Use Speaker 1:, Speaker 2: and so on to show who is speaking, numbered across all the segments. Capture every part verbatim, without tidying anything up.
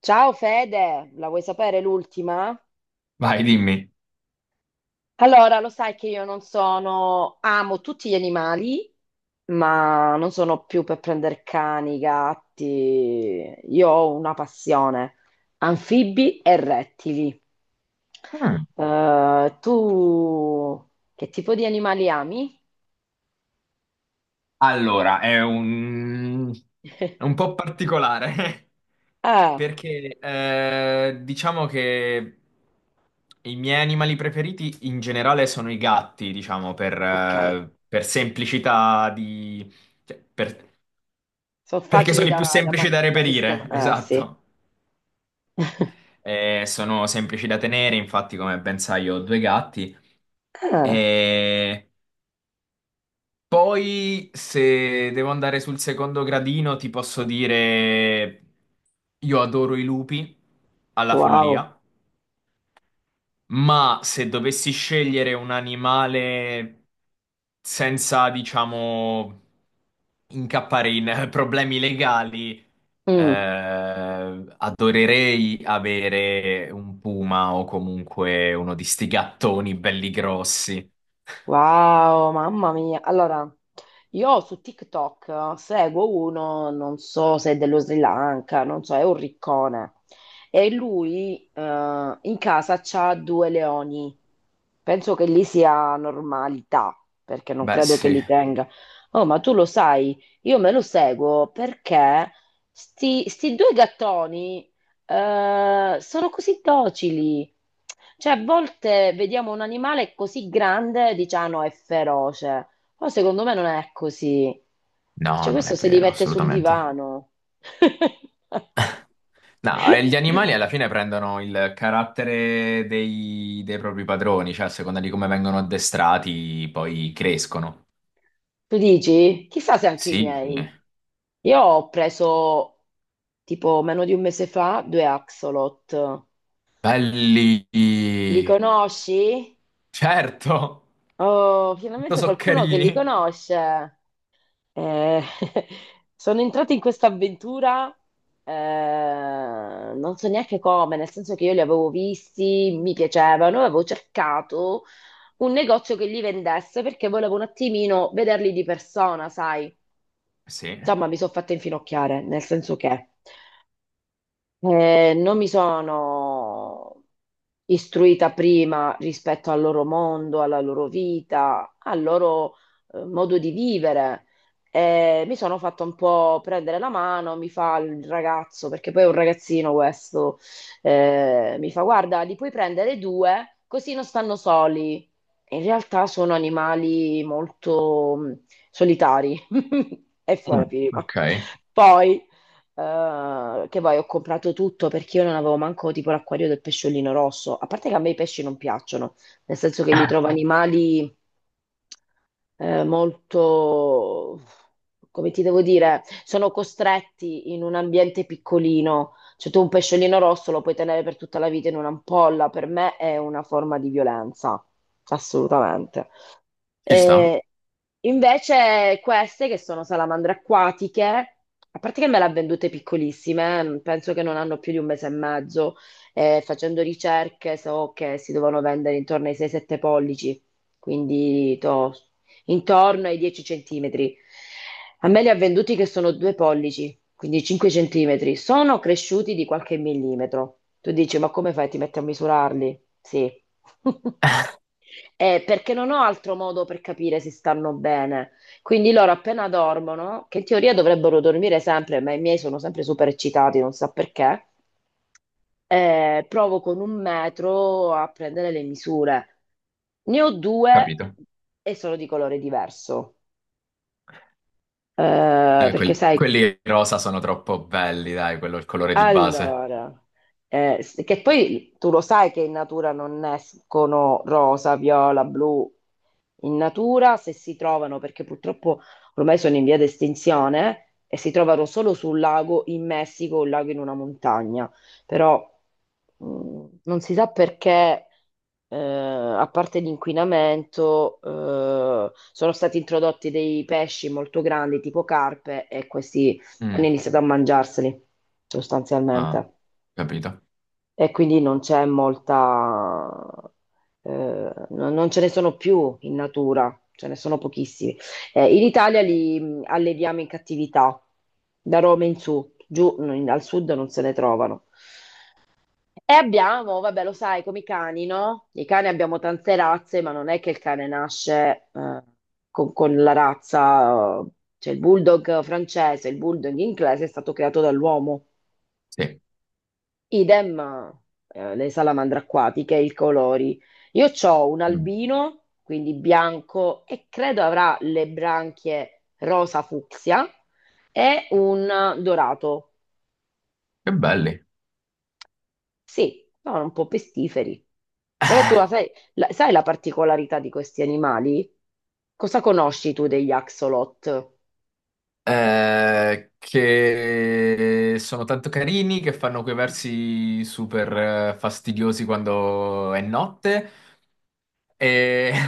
Speaker 1: Ciao Fede, la vuoi sapere l'ultima?
Speaker 2: Vai, dimmi.
Speaker 1: Allora, lo sai che io non sono, amo tutti gli animali, ma non sono più per prendere cani, gatti. Io ho una passione, anfibi e rettili.
Speaker 2: Mm.
Speaker 1: Eh, tu che tipo di animali ami?
Speaker 2: Allora, è un, è un po' particolare
Speaker 1: Ah,
Speaker 2: perché eh, diciamo che i miei animali preferiti in generale sono i gatti, diciamo, per,
Speaker 1: ok.
Speaker 2: eh, per semplicità di... cioè, per-
Speaker 1: Sono
Speaker 2: perché
Speaker 1: facili
Speaker 2: sono i più
Speaker 1: da, da,
Speaker 2: semplici
Speaker 1: man-
Speaker 2: da
Speaker 1: da
Speaker 2: reperire,
Speaker 1: sistemare. Eh, sì.
Speaker 2: esatto. Eh, sono semplici da tenere, infatti, come ben sai, io ho due gatti.
Speaker 1: Ah,
Speaker 2: E poi, se devo andare sul secondo gradino, ti posso dire, io adoro i lupi alla
Speaker 1: wow.
Speaker 2: follia, ma se dovessi scegliere un animale senza, diciamo, incappare in eh, problemi legali,
Speaker 1: Mm.
Speaker 2: eh, adorerei avere un puma o comunque uno di sti gattoni belli grossi.
Speaker 1: Wow, mamma mia. Allora, io su TikTok seguo uno, non so se è dello Sri Lanka, non so, è un riccone. E lui eh, in casa c'ha due leoni. Penso che lì sia normalità, perché non
Speaker 2: Beh,
Speaker 1: credo che
Speaker 2: sì.
Speaker 1: li tenga. Oh, ma tu lo sai, io me lo seguo perché sti, sti due gattoni eh, sono così docili. Cioè, a volte vediamo un animale così grande e diciamo: "Ah, no, è feroce. Però secondo me non è così."
Speaker 2: No,
Speaker 1: Cioè,
Speaker 2: non
Speaker 1: questo
Speaker 2: è
Speaker 1: si
Speaker 2: vero,
Speaker 1: diverte sul
Speaker 2: assolutamente.
Speaker 1: divano.
Speaker 2: No, eh, gli animali alla fine prendono il carattere dei, dei propri padroni, cioè a seconda di come vengono addestrati, poi crescono.
Speaker 1: Tu dici? Chissà se anche i
Speaker 2: Sì, sì.
Speaker 1: miei. Io ho preso tipo meno di un mese fa due axolot.
Speaker 2: Belli.
Speaker 1: Li conosci?
Speaker 2: Certo.
Speaker 1: Oh,
Speaker 2: Tutto
Speaker 1: finalmente qualcuno che li
Speaker 2: soccherini.
Speaker 1: conosce. Eh, Sono entrata in questa avventura, eh, non so neanche come, nel senso che io li avevo visti, mi piacevano, avevo cercato un negozio che li vendesse perché volevo un attimino vederli di persona, sai.
Speaker 2: Sì.
Speaker 1: Insomma, mi sono fatta infinocchiare, nel senso che. Eh, non mi sono istruita prima rispetto al loro mondo, alla loro vita, al loro eh, modo di vivere. Eh, mi sono fatta un po' prendere la mano, mi fa il ragazzo, perché poi è un ragazzino questo, eh, mi fa: "Guarda, li puoi prendere due, così non stanno soli." In realtà sono animali molto mh, solitari. E fu
Speaker 2: Mm,
Speaker 1: la prima.
Speaker 2: ok.
Speaker 1: Poi eh, che poi ho comprato tutto perché io non avevo manco tipo l'acquario del pesciolino rosso. A parte che a me i pesci non piacciono, nel senso che li trovo animali eh, molto, come ti devo dire, sono costretti in un ambiente piccolino. Cioè tu un pesciolino rosso lo puoi tenere per tutta la vita in un'ampolla, per me è una forma di violenza, assolutamente.
Speaker 2: Ci sta,
Speaker 1: Eh, invece queste che sono salamandre acquatiche, a parte che me le ha vendute piccolissime, eh, penso che non hanno più di un mese e mezzo, eh, facendo ricerche so che si devono vendere intorno ai sei sette pollici, quindi to- intorno ai dieci centimetri. A me li ha venduti che sono due pollici, quindi cinque centimetri. Sono cresciuti di qualche millimetro. Tu dici, ma come fai? Ti metti a misurarli? Sì. Eh, perché non ho altro modo per capire se stanno bene. Quindi loro appena dormono, che in teoria dovrebbero dormire sempre, ma i miei sono sempre super eccitati, non so perché, eh, provo con un metro a prendere le misure. Ne ho due
Speaker 2: capito.
Speaker 1: e sono di colore diverso. Eh,
Speaker 2: Eh,
Speaker 1: Perché
Speaker 2: quelli,
Speaker 1: sai,
Speaker 2: quelli rosa sono troppo belli, dai, quello è il colore di base.
Speaker 1: allora, eh, s- che poi tu lo sai che in natura non escono rosa, viola, blu. In natura, se si trovano, perché purtroppo ormai sono in via di estinzione, e si trovano solo sul lago in Messico, un lago in una montagna. Però mh, non si sa perché, eh, a parte l'inquinamento, eh, sono stati introdotti dei pesci molto grandi, tipo carpe, e questi hanno
Speaker 2: Mm,
Speaker 1: iniziato a mangiarseli
Speaker 2: ah,
Speaker 1: sostanzialmente,
Speaker 2: capito.
Speaker 1: e quindi non c'è molta, eh, no- non ce ne sono più in natura, ce ne sono pochissimi. Eh, in Italia li mh, alleviamo in cattività, da Roma in su, giù no, in- al sud non se ne trovano. E abbiamo, vabbè, lo sai, come i cani, no? I cani abbiamo tante razze, ma non è che il cane nasce, eh, con, con la razza, eh, cioè il bulldog francese, il bulldog inglese è stato creato dall'uomo.
Speaker 2: Sì.
Speaker 1: Idem, eh, le salamandre acquatiche, i colori. Io ho un
Speaker 2: Mm.
Speaker 1: albino, quindi bianco, e credo avrà le branchie rosa fucsia e un dorato.
Speaker 2: Che belli.
Speaker 1: Sì, sono un po' pestiferi. Però tu la sai, la- sai la particolarità di questi animali? Cosa conosci tu degli axolot?
Speaker 2: Eh, che sono tanto carini, che fanno quei versi super eh, fastidiosi quando è notte e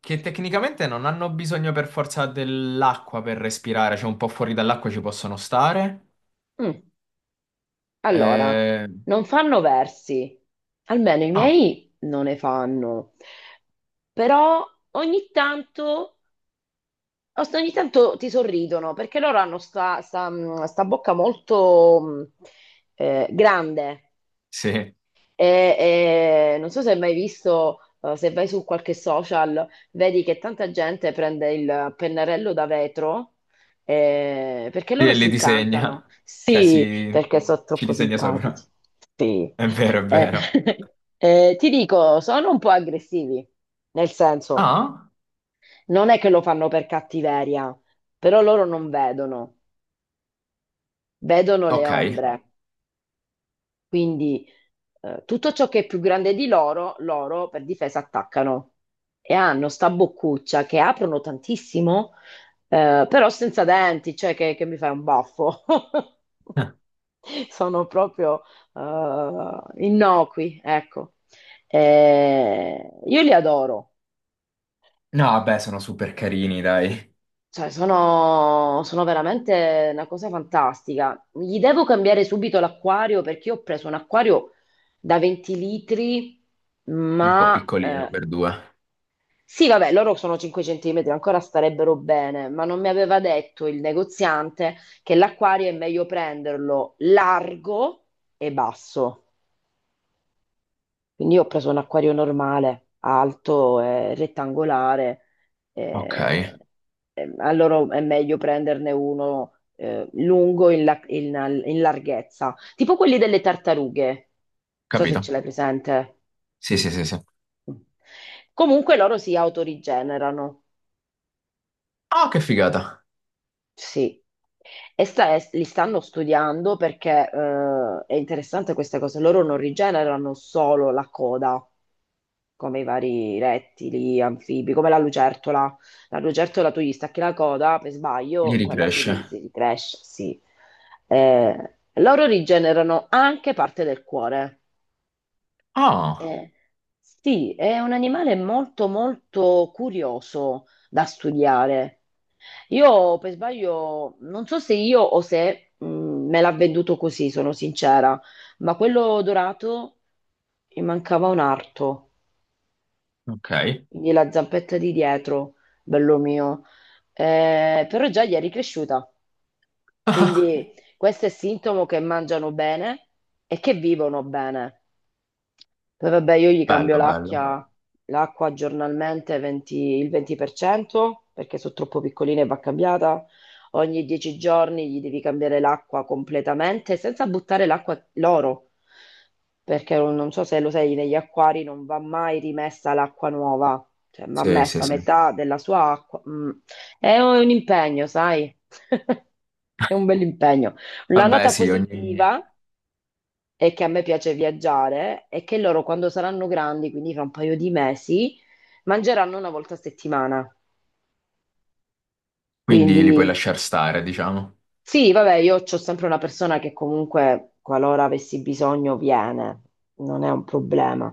Speaker 2: che tecnicamente non hanno bisogno per forza dell'acqua per respirare, cioè un po' fuori dall'acqua ci possono stare.
Speaker 1: Mm, Allora,
Speaker 2: Eh,
Speaker 1: non fanno versi, almeno i
Speaker 2: ah,
Speaker 1: miei non ne fanno. Però ogni tanto, ogni tanto ti sorridono perché loro hanno sta, sta- mh, sta bocca molto mh, eh, grande,
Speaker 2: sì,
Speaker 1: e, e non so se hai mai visto, eh, se vai su qualche social, vedi che tanta gente prende il pennarello da vetro, eh, perché
Speaker 2: sì,
Speaker 1: loro
Speaker 2: e
Speaker 1: si
Speaker 2: li
Speaker 1: incantano,
Speaker 2: disegna, cioè
Speaker 1: sì,
Speaker 2: si...
Speaker 1: perché sono
Speaker 2: ci
Speaker 1: troppo
Speaker 2: disegna
Speaker 1: simpatici.
Speaker 2: sopra.
Speaker 1: Sì.
Speaker 2: È vero, è
Speaker 1: Eh,
Speaker 2: vero.
Speaker 1: eh, Ti dico, sono un po' aggressivi, nel senso.
Speaker 2: Ah,
Speaker 1: Non è che lo fanno per cattiveria, però loro non vedono, vedono le
Speaker 2: ok.
Speaker 1: ombre. Quindi eh, tutto ciò che è più grande di loro, loro per difesa attaccano. E hanno sta boccuccia che aprono tantissimo, eh, però senza denti, cioè che, che mi fai un baffo. Sono proprio eh, innocui, ecco. Eh, io li adoro.
Speaker 2: No, vabbè, sono super carini, dai.
Speaker 1: Cioè, sono, sono veramente una cosa fantastica. Gli devo cambiare subito l'acquario perché io ho preso un acquario da venti litri,
Speaker 2: È un po'
Speaker 1: ma
Speaker 2: piccolino
Speaker 1: eh,
Speaker 2: per due.
Speaker 1: sì, vabbè, loro sono cinque centimetri, ancora starebbero bene, ma non mi aveva detto il negoziante che l'acquario è meglio prenderlo largo e basso. Quindi io ho preso un acquario normale, alto e rettangolare.
Speaker 2: Ok,
Speaker 1: eh, eh, allora è meglio prenderne uno eh, lungo in, la- in- in larghezza, tipo quelli delle tartarughe. Non so se ce
Speaker 2: capito.
Speaker 1: l'hai presente.
Speaker 2: Sì, sì, sì, sì.
Speaker 1: Comunque loro si autorigenerano.
Speaker 2: Ah, che figata.
Speaker 1: Sì. E sta- e li stanno studiando perché, eh, è interessante questa cosa. Loro non rigenerano solo la coda, come i vari rettili, anfibi, come la lucertola. La lucertola tu gli stacchi la coda, per
Speaker 2: Gli
Speaker 1: sbaglio, quella si, ri- si
Speaker 2: ricresce.
Speaker 1: ricresce, sì. Eh, loro rigenerano anche parte del cuore.
Speaker 2: Ah,
Speaker 1: Eh, sì, è un animale molto molto curioso da studiare. Io per sbaglio, non so se io o se mh, me l'ha venduto così, sono sincera, ma quello dorato, mi mancava un arto,
Speaker 2: ok.
Speaker 1: quindi la zampetta di dietro, bello mio. Eh, però già gli è ricresciuta, quindi questo è sintomo che mangiano bene e che vivono bene. Poi vabbè, io gli cambio
Speaker 2: Bello, bello.
Speaker 1: l'acqua, l'acqua giornalmente, 20 il venti per cento perché sono troppo piccoline e va cambiata. Ogni dieci giorni gli devi cambiare l'acqua completamente senza buttare l'acqua loro, perché non non so se lo sai, negli acquari non va mai rimessa l'acqua nuova, cioè va
Speaker 2: Sì, sì,
Speaker 1: messa, Mm.
Speaker 2: sì.
Speaker 1: metà della sua acqua. Mm. È un impegno, sai? È un bel impegno. La
Speaker 2: Vabbè,
Speaker 1: nota
Speaker 2: sì, ogni...
Speaker 1: positiva e che a me piace viaggiare e che loro quando saranno grandi, quindi fra un paio di mesi, mangeranno una volta a settimana.
Speaker 2: quindi
Speaker 1: Quindi
Speaker 2: li puoi lasciar stare, diciamo.
Speaker 1: sì, vabbè, io ho sempre una persona che comunque, qualora avessi bisogno, viene, non è un problema.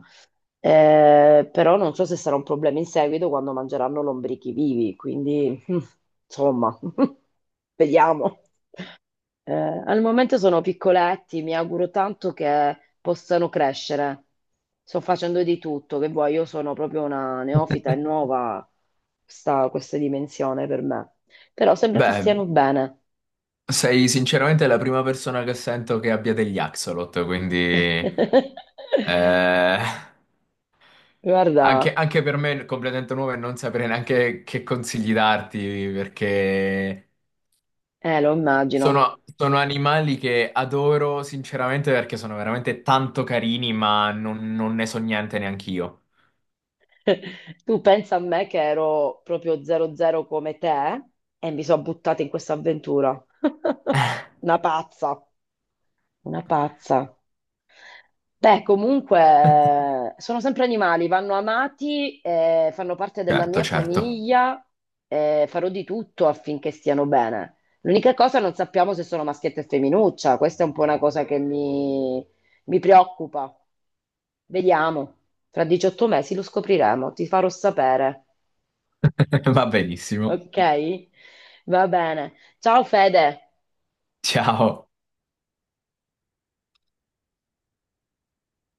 Speaker 1: Eh, però non so se sarà un problema in seguito quando mangeranno lombrichi vivi, quindi insomma, vediamo. Eh, al momento sono piccoletti, mi auguro tanto che possano crescere. Sto facendo di tutto, che vuoi, io sono proprio una neofita, è nuova sta, questa dimensione per me. Però sembra che
Speaker 2: Beh,
Speaker 1: stiano bene.
Speaker 2: sei sinceramente la prima persona che sento che abbia degli axolot, quindi... eh, anche,
Speaker 1: Guarda,
Speaker 2: anche per me è completamente nuovo e non sapere neanche che consigli darti, perché...
Speaker 1: eh, lo immagino.
Speaker 2: sono, sono animali che adoro sinceramente perché sono veramente tanto carini, ma non, non ne so niente neanche io.
Speaker 1: Tu pensa a me che ero proprio zero zero come te e mi sono buttata in questa avventura. Una pazza, una pazza. Beh, comunque eh, sono sempre animali, vanno amati, eh, fanno parte della
Speaker 2: Certo,
Speaker 1: mia
Speaker 2: certo.
Speaker 1: famiglia, eh, farò di tutto affinché stiano bene. L'unica cosa non sappiamo se sono maschietta e femminuccia, questa è un po' una cosa che mi, mi preoccupa. Vediamo, fra diciotto mesi lo scopriremo, ti farò sapere.
Speaker 2: Va benissimo.
Speaker 1: Ok? Va bene. Ciao Fede.
Speaker 2: Ciao.